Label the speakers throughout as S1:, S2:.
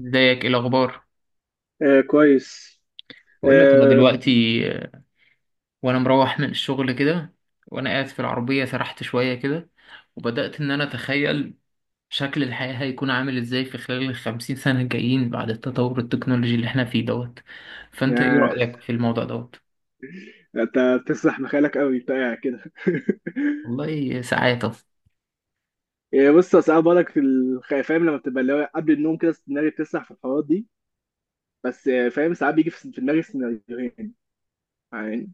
S1: ازيك؟ ايه الاخبار؟
S2: آه كويس.
S1: بقول لك انا
S2: آه.
S1: دلوقتي. آه، وانا مروح من الشغل كده، وانا قاعد في العربيه سرحت شويه كده، وبدات ان انا اتخيل شكل الحياه هيكون عامل ازاي في خلال الخمسين سنه الجايين بعد التطور التكنولوجي اللي احنا فيه دوت. فانت ايه
S2: يا
S1: رايك في الموضوع دوت؟
S2: انت بتسرح مخيلك قوي انت قاعد كده
S1: والله ساعات
S2: آه، بص أنا ساعات بقولك فاهم لما بتبقى اللي هو قبل النوم كده دماغي بتسرح في الحوارات دي. بس آه، فاهم ساعات بيجي في دماغي سيناريوهين. يعني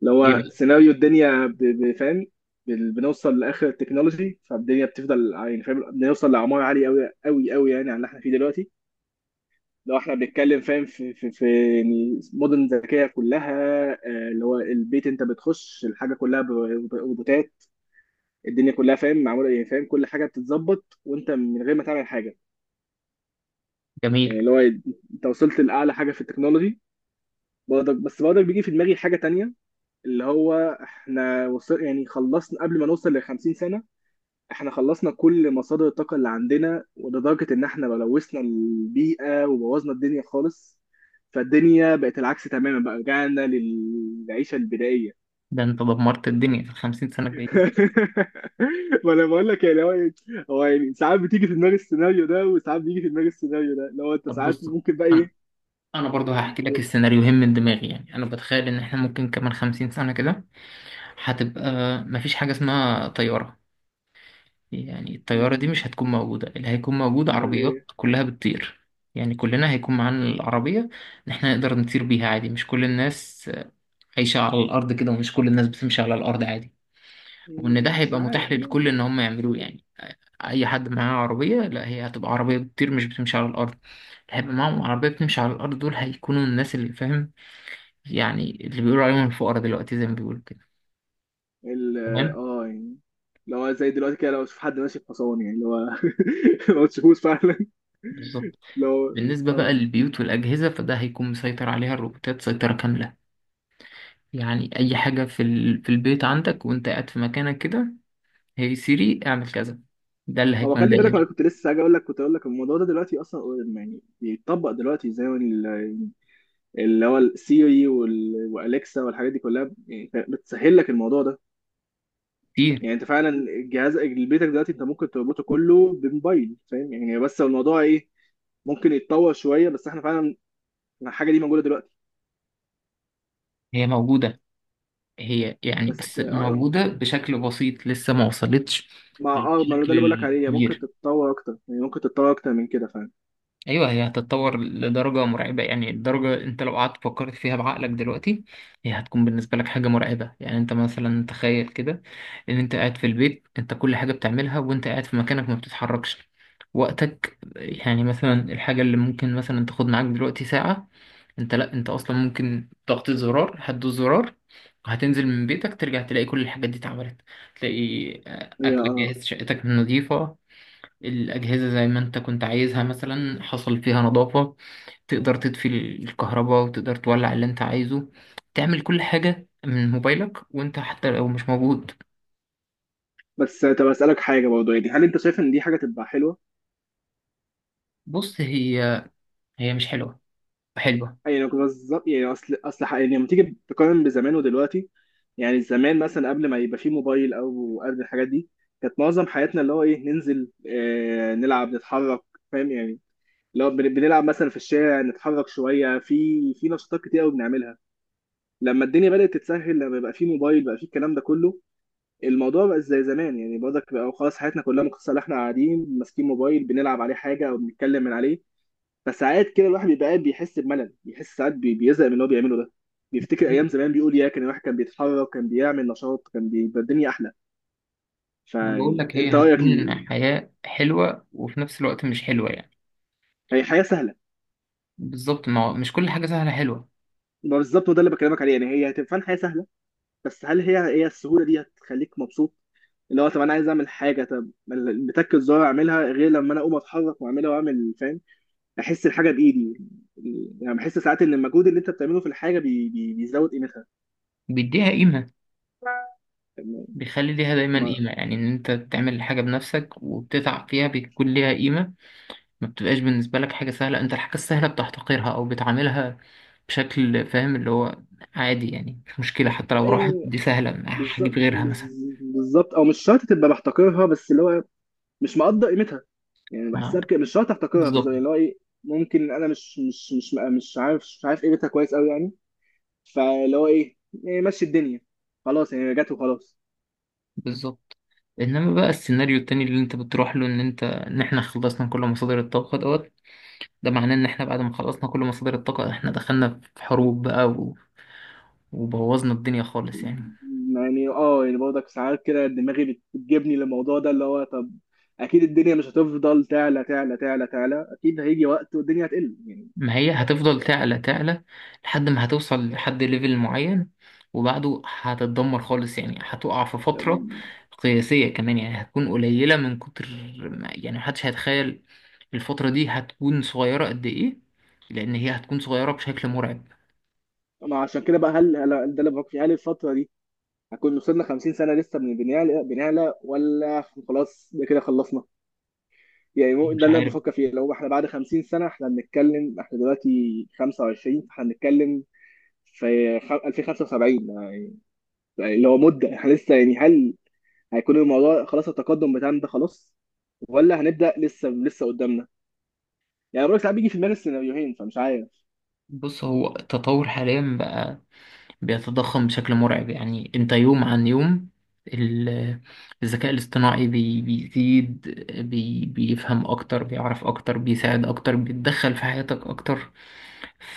S2: اللي هو
S1: كتير.
S2: سيناريو الدنيا فاهم. بنوصل لاخر التكنولوجي فالدنيا بتفضل يعني فاهم بنوصل لاعمار عاليه قوي قوي قوي يعني عن اللي احنا فيه دلوقتي. لو احنا بنتكلم فاهم في يعني مدن ذكيه كلها. آه، اللي هو البيت انت بتخش الحاجه كلها روبوتات. الدنيا كلها فاهم معموله يعني فاهم كل حاجه بتتظبط وانت من غير ما تعمل حاجه.
S1: جميل.
S2: يعني اللي هو انت وصلت لاعلى حاجه في التكنولوجي. برضك بس برضك بيجي في دماغي حاجه تانية. اللي هو احنا وصل يعني خلصنا قبل ما نوصل ل 50 سنه. احنا خلصنا كل مصادر الطاقة اللي عندنا ولدرجة ان احنا لوثنا البيئة وبوظنا الدنيا خالص. فالدنيا بقت العكس تماما بقى رجعنا للعيشة البدائية.
S1: ده انت دمرت الدنيا في الخمسين سنه الجايين.
S2: وانا بقول لك يعني هو إيه، هو يعني ساعات بتيجي في دماغي السيناريو ده وساعات بيجي في دماغي السيناريو ده لو انت
S1: طب
S2: ساعات
S1: بص،
S2: ممكن بقى
S1: انا
S2: ايه.
S1: انا برضه هحكي لك
S2: و-
S1: السيناريوهين من دماغي. يعني انا بتخيل ان احنا ممكن كمان خمسين سنه كده هتبقى مفيش حاجه اسمها طياره. يعني الطيارة دي مش
S2: م-
S1: هتكون موجودة، اللي هيكون موجود
S2: امال
S1: عربيات
S2: ايه.
S1: كلها بتطير. يعني كلنا هيكون معانا العربية، إن إحنا نقدر نطير بيها عادي، مش كل الناس عايشة على الأرض كده، ومش كل الناس بتمشي على الأرض عادي، وإن ده
S2: مش
S1: هيبقى
S2: عارف.
S1: متاح للكل إن هم يعملوه. يعني أي حد معاه عربية، لا هي هتبقى عربية بتطير مش بتمشي على الأرض. اللي هيبقى معاهم عربية بتمشي على الأرض دول هيكونوا الناس اللي فاهم، يعني اللي بيقولوا عليهم الفقراء دلوقتي زي ما بيقولوا كده.
S2: ال
S1: تمام،
S2: اه يعني لو زي دلوقتي كده لو اشوف حد ماشي بحصان يعني اللي هو ما تشوفوش فعلا.
S1: بالظبط.
S2: لو
S1: بالنسبة بقى
S2: اه
S1: للبيوت والأجهزة، فده هيكون مسيطر عليها الروبوتات سيطرة كاملة. يعني اي حاجة في في البيت عندك، وانت قاعد في مكانك كده، هي سيري اعمل كذا. ده اللي
S2: هو
S1: هيكون
S2: خلي بالك انا
S1: داير
S2: كنت لسه هاجي اقول لك كنت اقول لك الموضوع ده دلوقتي اصلا. يعني بيتطبق دلوقتي زي ما اللي هو السيري والاليكسا والحاجات دي كلها يعني بتسهل لك الموضوع ده.
S1: كتير.
S2: يعني انت فعلا جهاز بيتك دلوقتي انت ممكن تربطه كله بموبايل فاهم يعني بس الموضوع ايه. ممكن يتطور شويه بس احنا فعلا الحاجه دي موجوده دلوقتي.
S1: هي موجودة، هي يعني
S2: بس
S1: بس
S2: اه يعني
S1: موجودة بشكل بسيط، لسه ما وصلتش
S2: مع اه ما هو ده
S1: للشكل
S2: اللي بقول لك عليه هي ممكن
S1: الكبير.
S2: تتطور اكتر يعني ممكن تتطور اكتر من كده فعلا.
S1: ايوه، هي هتتطور لدرجه مرعبه، يعني الدرجه انت لو قعدت فكرت فيها بعقلك دلوقتي هي هتكون بالنسبه لك حاجه مرعبه. يعني انت مثلا تخيل كده، ان انت قاعد في البيت، انت كل حاجه بتعملها وانت قاعد في مكانك ما بتتحركش وقتك. يعني مثلا الحاجه اللي ممكن مثلا تاخد معاك دلوقتي ساعه، انت لا، انت اصلا ممكن ضغط زرار، هتدوس زرار هتنزل من بيتك، ترجع تلاقي كل الحاجات دي اتعملت. تلاقي آه،
S2: هي
S1: اكلك
S2: اه.
S1: جاهز، شقتك نظيفه، الأجهزة زي ما أنت كنت عايزها مثلا حصل فيها نظافة، تقدر تطفي الكهرباء وتقدر تولع اللي أنت عايزه، تعمل كل حاجة من موبايلك وأنت حتى لو مش موجود.
S2: بس طب اسالك حاجه برضه يعني هل انت شايف ان دي حاجه تبقى حلوه.
S1: بص، هي هي مش حلوة حلوة.
S2: يعني بالظبط يعني اصل يعني لما تيجي تقارن بزمان ودلوقتي. يعني زمان مثلا قبل ما يبقى فيه موبايل او قبل الحاجات دي كانت معظم حياتنا اللي هو ايه ننزل نلعب نتحرك. فاهم يعني. لو بنلعب مثلا في الشارع نتحرك شويه في نشاطات كتير قوي بنعملها. لما الدنيا بدات تتسهل لما بقى فيه موبايل بقى فيه الكلام ده كله الموضوع بقى زي زمان يعني برضك بقى خلاص حياتنا كلها مقتصره على احنا قاعدين ماسكين موبايل بنلعب عليه حاجه او بنتكلم من عليه. فساعات كده الواحد بيبقى قاعد بيحس بملل بيحس ساعات بيزهق من اللي هو بيعمله ده. بيفتكر ايام زمان بيقول يا كان الواحد كان بيتحرك كان بيعمل نشاط كان بيبقى الدنيا احلى.
S1: ما بقول
S2: فيعني
S1: لك،
S2: انت
S1: هي
S2: رايك
S1: هتكون حياة حلوة وفي نفس الوقت مش حلوة يعني.
S2: هي حياه سهله.
S1: بالظبط، ما هو مش كل حاجة سهلة حلوة.
S2: ما بالظبط وده اللي بكلمك عليه يعني هي هتبقى فعلاً حياه سهله. بس هل هي السهوله دي هتخليك مبسوط. اللي هو طب انا عايز اعمل حاجه طب بتك الزرار اعملها غير لما انا اقوم اتحرك واعملها واعمل فاهم. احس الحاجه بايدي. يعني بحس ساعات ان المجهود اللي انت بتعمله في الحاجه بيزود قيمتها.
S1: بيديها قيمة، بيخلي ليها دايما
S2: ما...
S1: قيمة، يعني إن أنت تعمل حاجة بنفسك وبتتعب فيها بيكون ليها قيمة. ما بتبقاش بالنسبة لك حاجة سهلة، انت الحاجة السهلة بتحتقرها او بتعاملها بشكل فاهم، اللي هو عادي، يعني مش مشكلة، حتى لو راحت
S2: يعني
S1: دي سهلة هجيب
S2: بالظبط
S1: غيرها مثلا.
S2: بالظبط او مش شرط تبقى بحتقرها بس اللي هو مش مقدر قيمتها. يعني
S1: آه،
S2: بحسها بكده مش شرط احتقرها
S1: بالظبط
S2: بالظبط اللي هو ايه. ممكن انا مش عارف قيمتها كويس قوي يعني. فاللي هو ايه. إيه، مشي الدنيا خلاص يعني رجعت وخلاص.
S1: بالظبط. انما بقى السيناريو التاني اللي انت بتروح له، ان انت، ان احنا خلصنا كل مصادر الطاقة دوت، ده معناه ان احنا بعد ما خلصنا كل مصادر الطاقة احنا دخلنا في حروب بقى وبوظنا الدنيا خالص يعني.
S2: يعني اه يعني برضك ساعات كده دماغي بتجيبني للموضوع ده اللي هو طب. اكيد الدنيا مش هتفضل تعلى تعلى تعلى تعلى اكيد هيجي وقت والدنيا هتقل يعني.
S1: ما هي هتفضل تعلى تعلى لحد ما هتوصل لحد ليفل معين، وبعده هتتدمر خالص، يعني هتقع في فترة
S2: أم،
S1: قياسية كمان، يعني هتكون قليلة من كتر يعني محدش هيتخيل الفترة دي هتكون صغيرة قد إيه، لأن هي هتكون صغيرة بشكل مرعب.
S2: ما عشان كده بقى ده اللي بفكر فيه هل الفترة دي هكون وصلنا 50 سنة لسه من بنعلى بنعلى ولا خلاص ده كده خلصنا. يعني
S1: مش
S2: ده اللي انا
S1: عارف.
S2: بفكر فيه لو احنا بعد 50 سنة احنا بنتكلم احنا دلوقتي 25 احنا بنتكلم في 2075 اللي هو مدة احنا لسه يعني هل هيكون الموضوع خلاص التقدم بتاعنا ده خلاص ولا هنبدأ لسه لسه قدامنا. يعني بقول ساعات بيجي في دماغي السيناريوهين فمش عارف.
S1: بص، هو التطور حاليا بقى بيتضخم بشكل مرعب، يعني انت يوم عن يوم ال- الذكاء الاصطناعي بيزيد، بي بيفهم اكتر، بيعرف اكتر، بيساعد اكتر، بيتدخل في حياتك اكتر.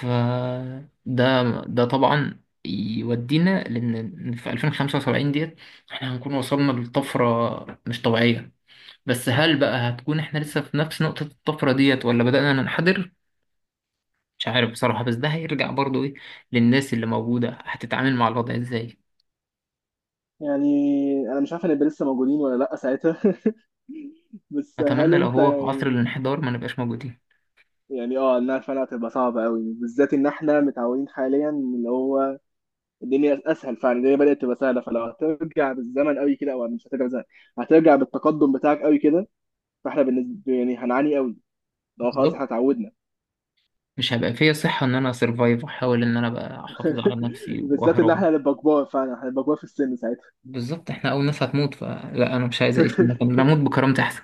S1: فده، ده طبعا يودينا لان في 2075 ديت احنا هنكون وصلنا لطفرة مش طبيعية. بس هل بقى هتكون احنا لسه في نفس نقطة الطفرة ديت، ولا بدأنا ننحدر؟ مش عارف بصراحة، بس ده هيرجع برضو ايه، للناس اللي موجودة هتتعامل مع الوضع ازاي.
S2: يعني انا مش عارف هنبقى لسه موجودين ولا لا ساعتها بس هل
S1: اتمنى لو
S2: انت
S1: هو في عصر
S2: يعني.
S1: الانحدار ما نبقاش موجودين.
S2: يعني اه انها فعلا هتبقى صعبه قوي بالذات ان احنا متعودين حاليا إن اللي هو الدنيا اسهل فعلا الدنيا بدات تبقى سهله فلو هترجع بالزمن قوي كده او مش هترجع بالزمن هترجع بالتقدم بتاعك قوي كده. فاحنا بالنسبه يعني هنعاني قوي لو خلاص
S1: بالظبط،
S2: احنا اتعودنا.
S1: مش هبقى فيا صحة ان انا اسرفايف واحاول ان انا ابقى احافظ على نفسي
S2: بالذات ان
S1: واهرب.
S2: احنا هنبقى كبار فعلا هنبقى كبار في السن ساعتها.
S1: بالظبط، احنا اول ناس هتموت، فلا انا مش عايز اعيش في المكان ده، اموت بكرامتي احسن.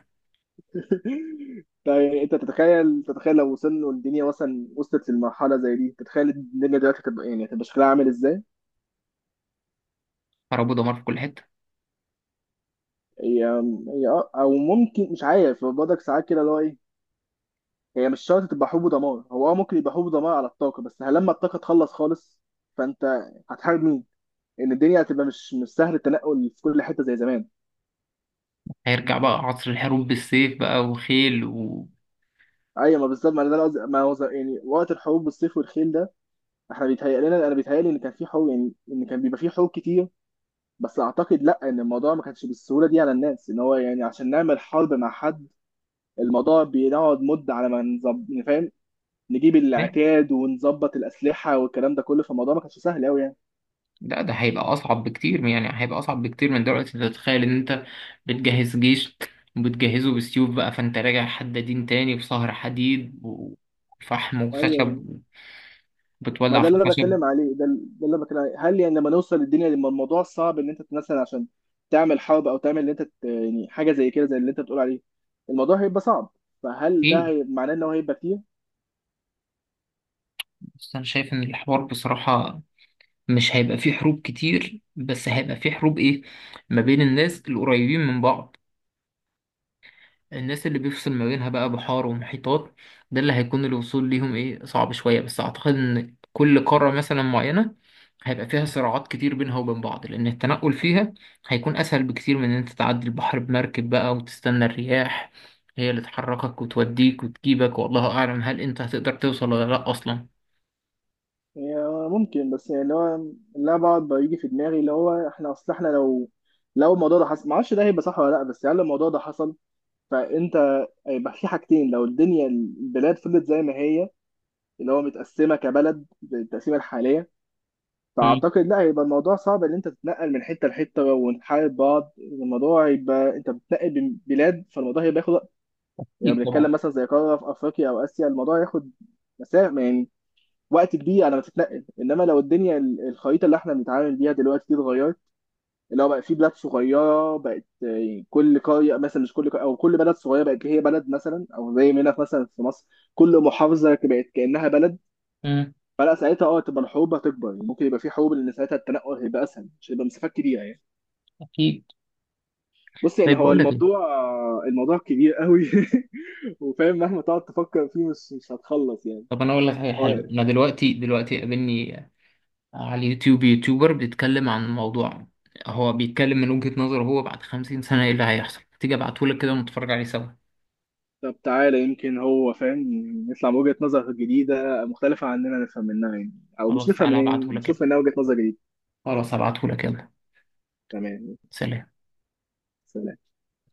S2: طيب انت تتخيل تتخيل لو وصلنا الدنيا مثلا وصلت لمرحله زي دي تتخيل الدنيا دلوقتي هتبقى يعني هتبقى شكلها عامل ازاي؟
S1: حرب ودمار في كل حتة.
S2: هي هي او ممكن مش عارف برضك ساعات كده اللي هو ايه. هي مش شرط تبقى حروب ودمار هو اه ممكن يبقى حروب ودمار على الطاقة بس هل لما الطاقة تخلص خالص فانت هتحارب مين؟ ان الدنيا هتبقى مش سهل التنقل في كل حتة زي زمان.
S1: هيرجع بقى عصر الحروب بالسيف بقى وخيل و-
S2: ايوه ما بالظبط ما ده اللي ما هو يعني وقت الحروب بالسيف والخيل ده احنا بيتهيأ لنا انا بيتهيألي ان كان في حروب يعني ان كان بيبقى في حروب كتير. بس اعتقد لا ان الموضوع ما كانش بالسهولة دي على الناس ان هو يعني عشان نعمل حرب مع حد الموضوع بنقعد مدة على ما نظبط فاهم نجيب
S1: إيه؟
S2: العتاد ونظبط الأسلحة والكلام ده كله فالموضوع ما كانش سهل قوي يعني.
S1: لا ده هيبقى اصعب بكتير، يعني هيبقى اصعب بكتير من دلوقتي. انت تتخيل ان انت بتجهز جيش وبتجهزه بالسيوف بقى، فانت راجع حدادين تاني في سهر حديد وفحم وخشب،
S2: ايوه ما
S1: وبتولع
S2: ده
S1: في
S2: اللي انا
S1: الخشب.
S2: بتكلم عليه ده، اللي انا بتكلم عليه هل يعني لما نوصل للدنيا لما الموضوع صعب ان انت مثلا عشان تعمل حرب او تعمل اللي انت يعني حاجه زي كده زي اللي انت بتقول عليه الموضوع هيبقى صعب. فهل
S1: ايه،
S2: ده معناه ان هو هيبقى كتير؟
S1: بس أنا شايف إن الحوار بصراحة مش هيبقى فيه حروب كتير، بس هيبقى فيه حروب إيه، ما بين الناس القريبين من بعض. الناس اللي بيفصل ما بينها بقى بحار ومحيطات، ده اللي هيكون الوصول ليهم إيه، صعب شوية، بس أعتقد إن كل قارة مثلا معينة هيبقى فيها صراعات كتير بينها وبين بعض، لأن التنقل فيها هيكون أسهل بكتير من إن أنت تعدي البحر بمركب بقى، وتستنى الرياح هي اللي تحركك وتوديك وتجيبك، والله أعلم هل أنت هتقدر توصل ولا لأ أصلا.
S2: هي ممكن بس يعني اللي هو اللي أنا بقعد بيجي في دماغي اللي هو احنا اصل احنا لو الموضوع ده حصل ما اعرفش ده هيبقى صح ولا لا بس هل الموضوع ده حصل فانت هيبقى في حاجتين لو الدنيا البلاد فضلت زي ما هي اللي هو متقسمه كبلد بالتقسيمه الحاليه.
S1: مم.
S2: فاعتقد لا هيبقى الموضوع صعب ان انت تتنقل من حته لحته ونحارب بعض الموضوع هيبقى انت بتنقل بين بلاد فالموضوع هيبقى ياخد وقت. يعني
S1: أكيد طبعا.
S2: بنتكلم مثلا زي قاره في افريقيا او اسيا الموضوع هياخد مسافه يعني وقت كبير على ما تتنقل انما لو الدنيا الخريطه اللي احنا بنتعامل بيها دلوقتي دي اتغيرت اللي هو بقى في بلاد صغيره بقت يعني كل قريه مثلا مش كل قرية او كل بلد صغيره بقت هي بلد مثلا او زي ما هنا مثلا في مصر كل محافظه بقت كانها بلد.
S1: مم.
S2: فلا ساعتها اه تبقى الحروب هتكبر يعني ممكن يبقى في حروب لان ساعتها التنقل هيبقى اسهل مش هيبقى مسافات كبيره يعني.
S1: اكيد.
S2: بص يعني
S1: طيب
S2: هو
S1: بقول لك
S2: الموضوع
S1: ايه،
S2: الموضوع كبير قوي وفاهم مهما تقعد تفكر فيه مش هتخلص يعني.
S1: طب انا اقول لك حاجه حلوه،
S2: هو-
S1: انا دلوقتي قابلني على اليوتيوب يوتيوبر بيتكلم عن موضوع، هو بيتكلم من وجهة نظره هو بعد 50 سنه ايه اللي هيحصل. تيجي ابعته لك كده ونتفرج عليه سوا؟
S2: طب تعالى يمكن هو فاهم يطلع بوجهة نظر جديدة مختلفة عننا نفهم منها يعني. او مش
S1: خلاص
S2: نفهم
S1: تعالى
S2: منها يعني،
S1: ابعته لك كده.
S2: نشوف منها وجهة نظر جديدة.
S1: خلاص ابعته لك، يلا.
S2: تمام.
S1: سلام.
S2: سلام.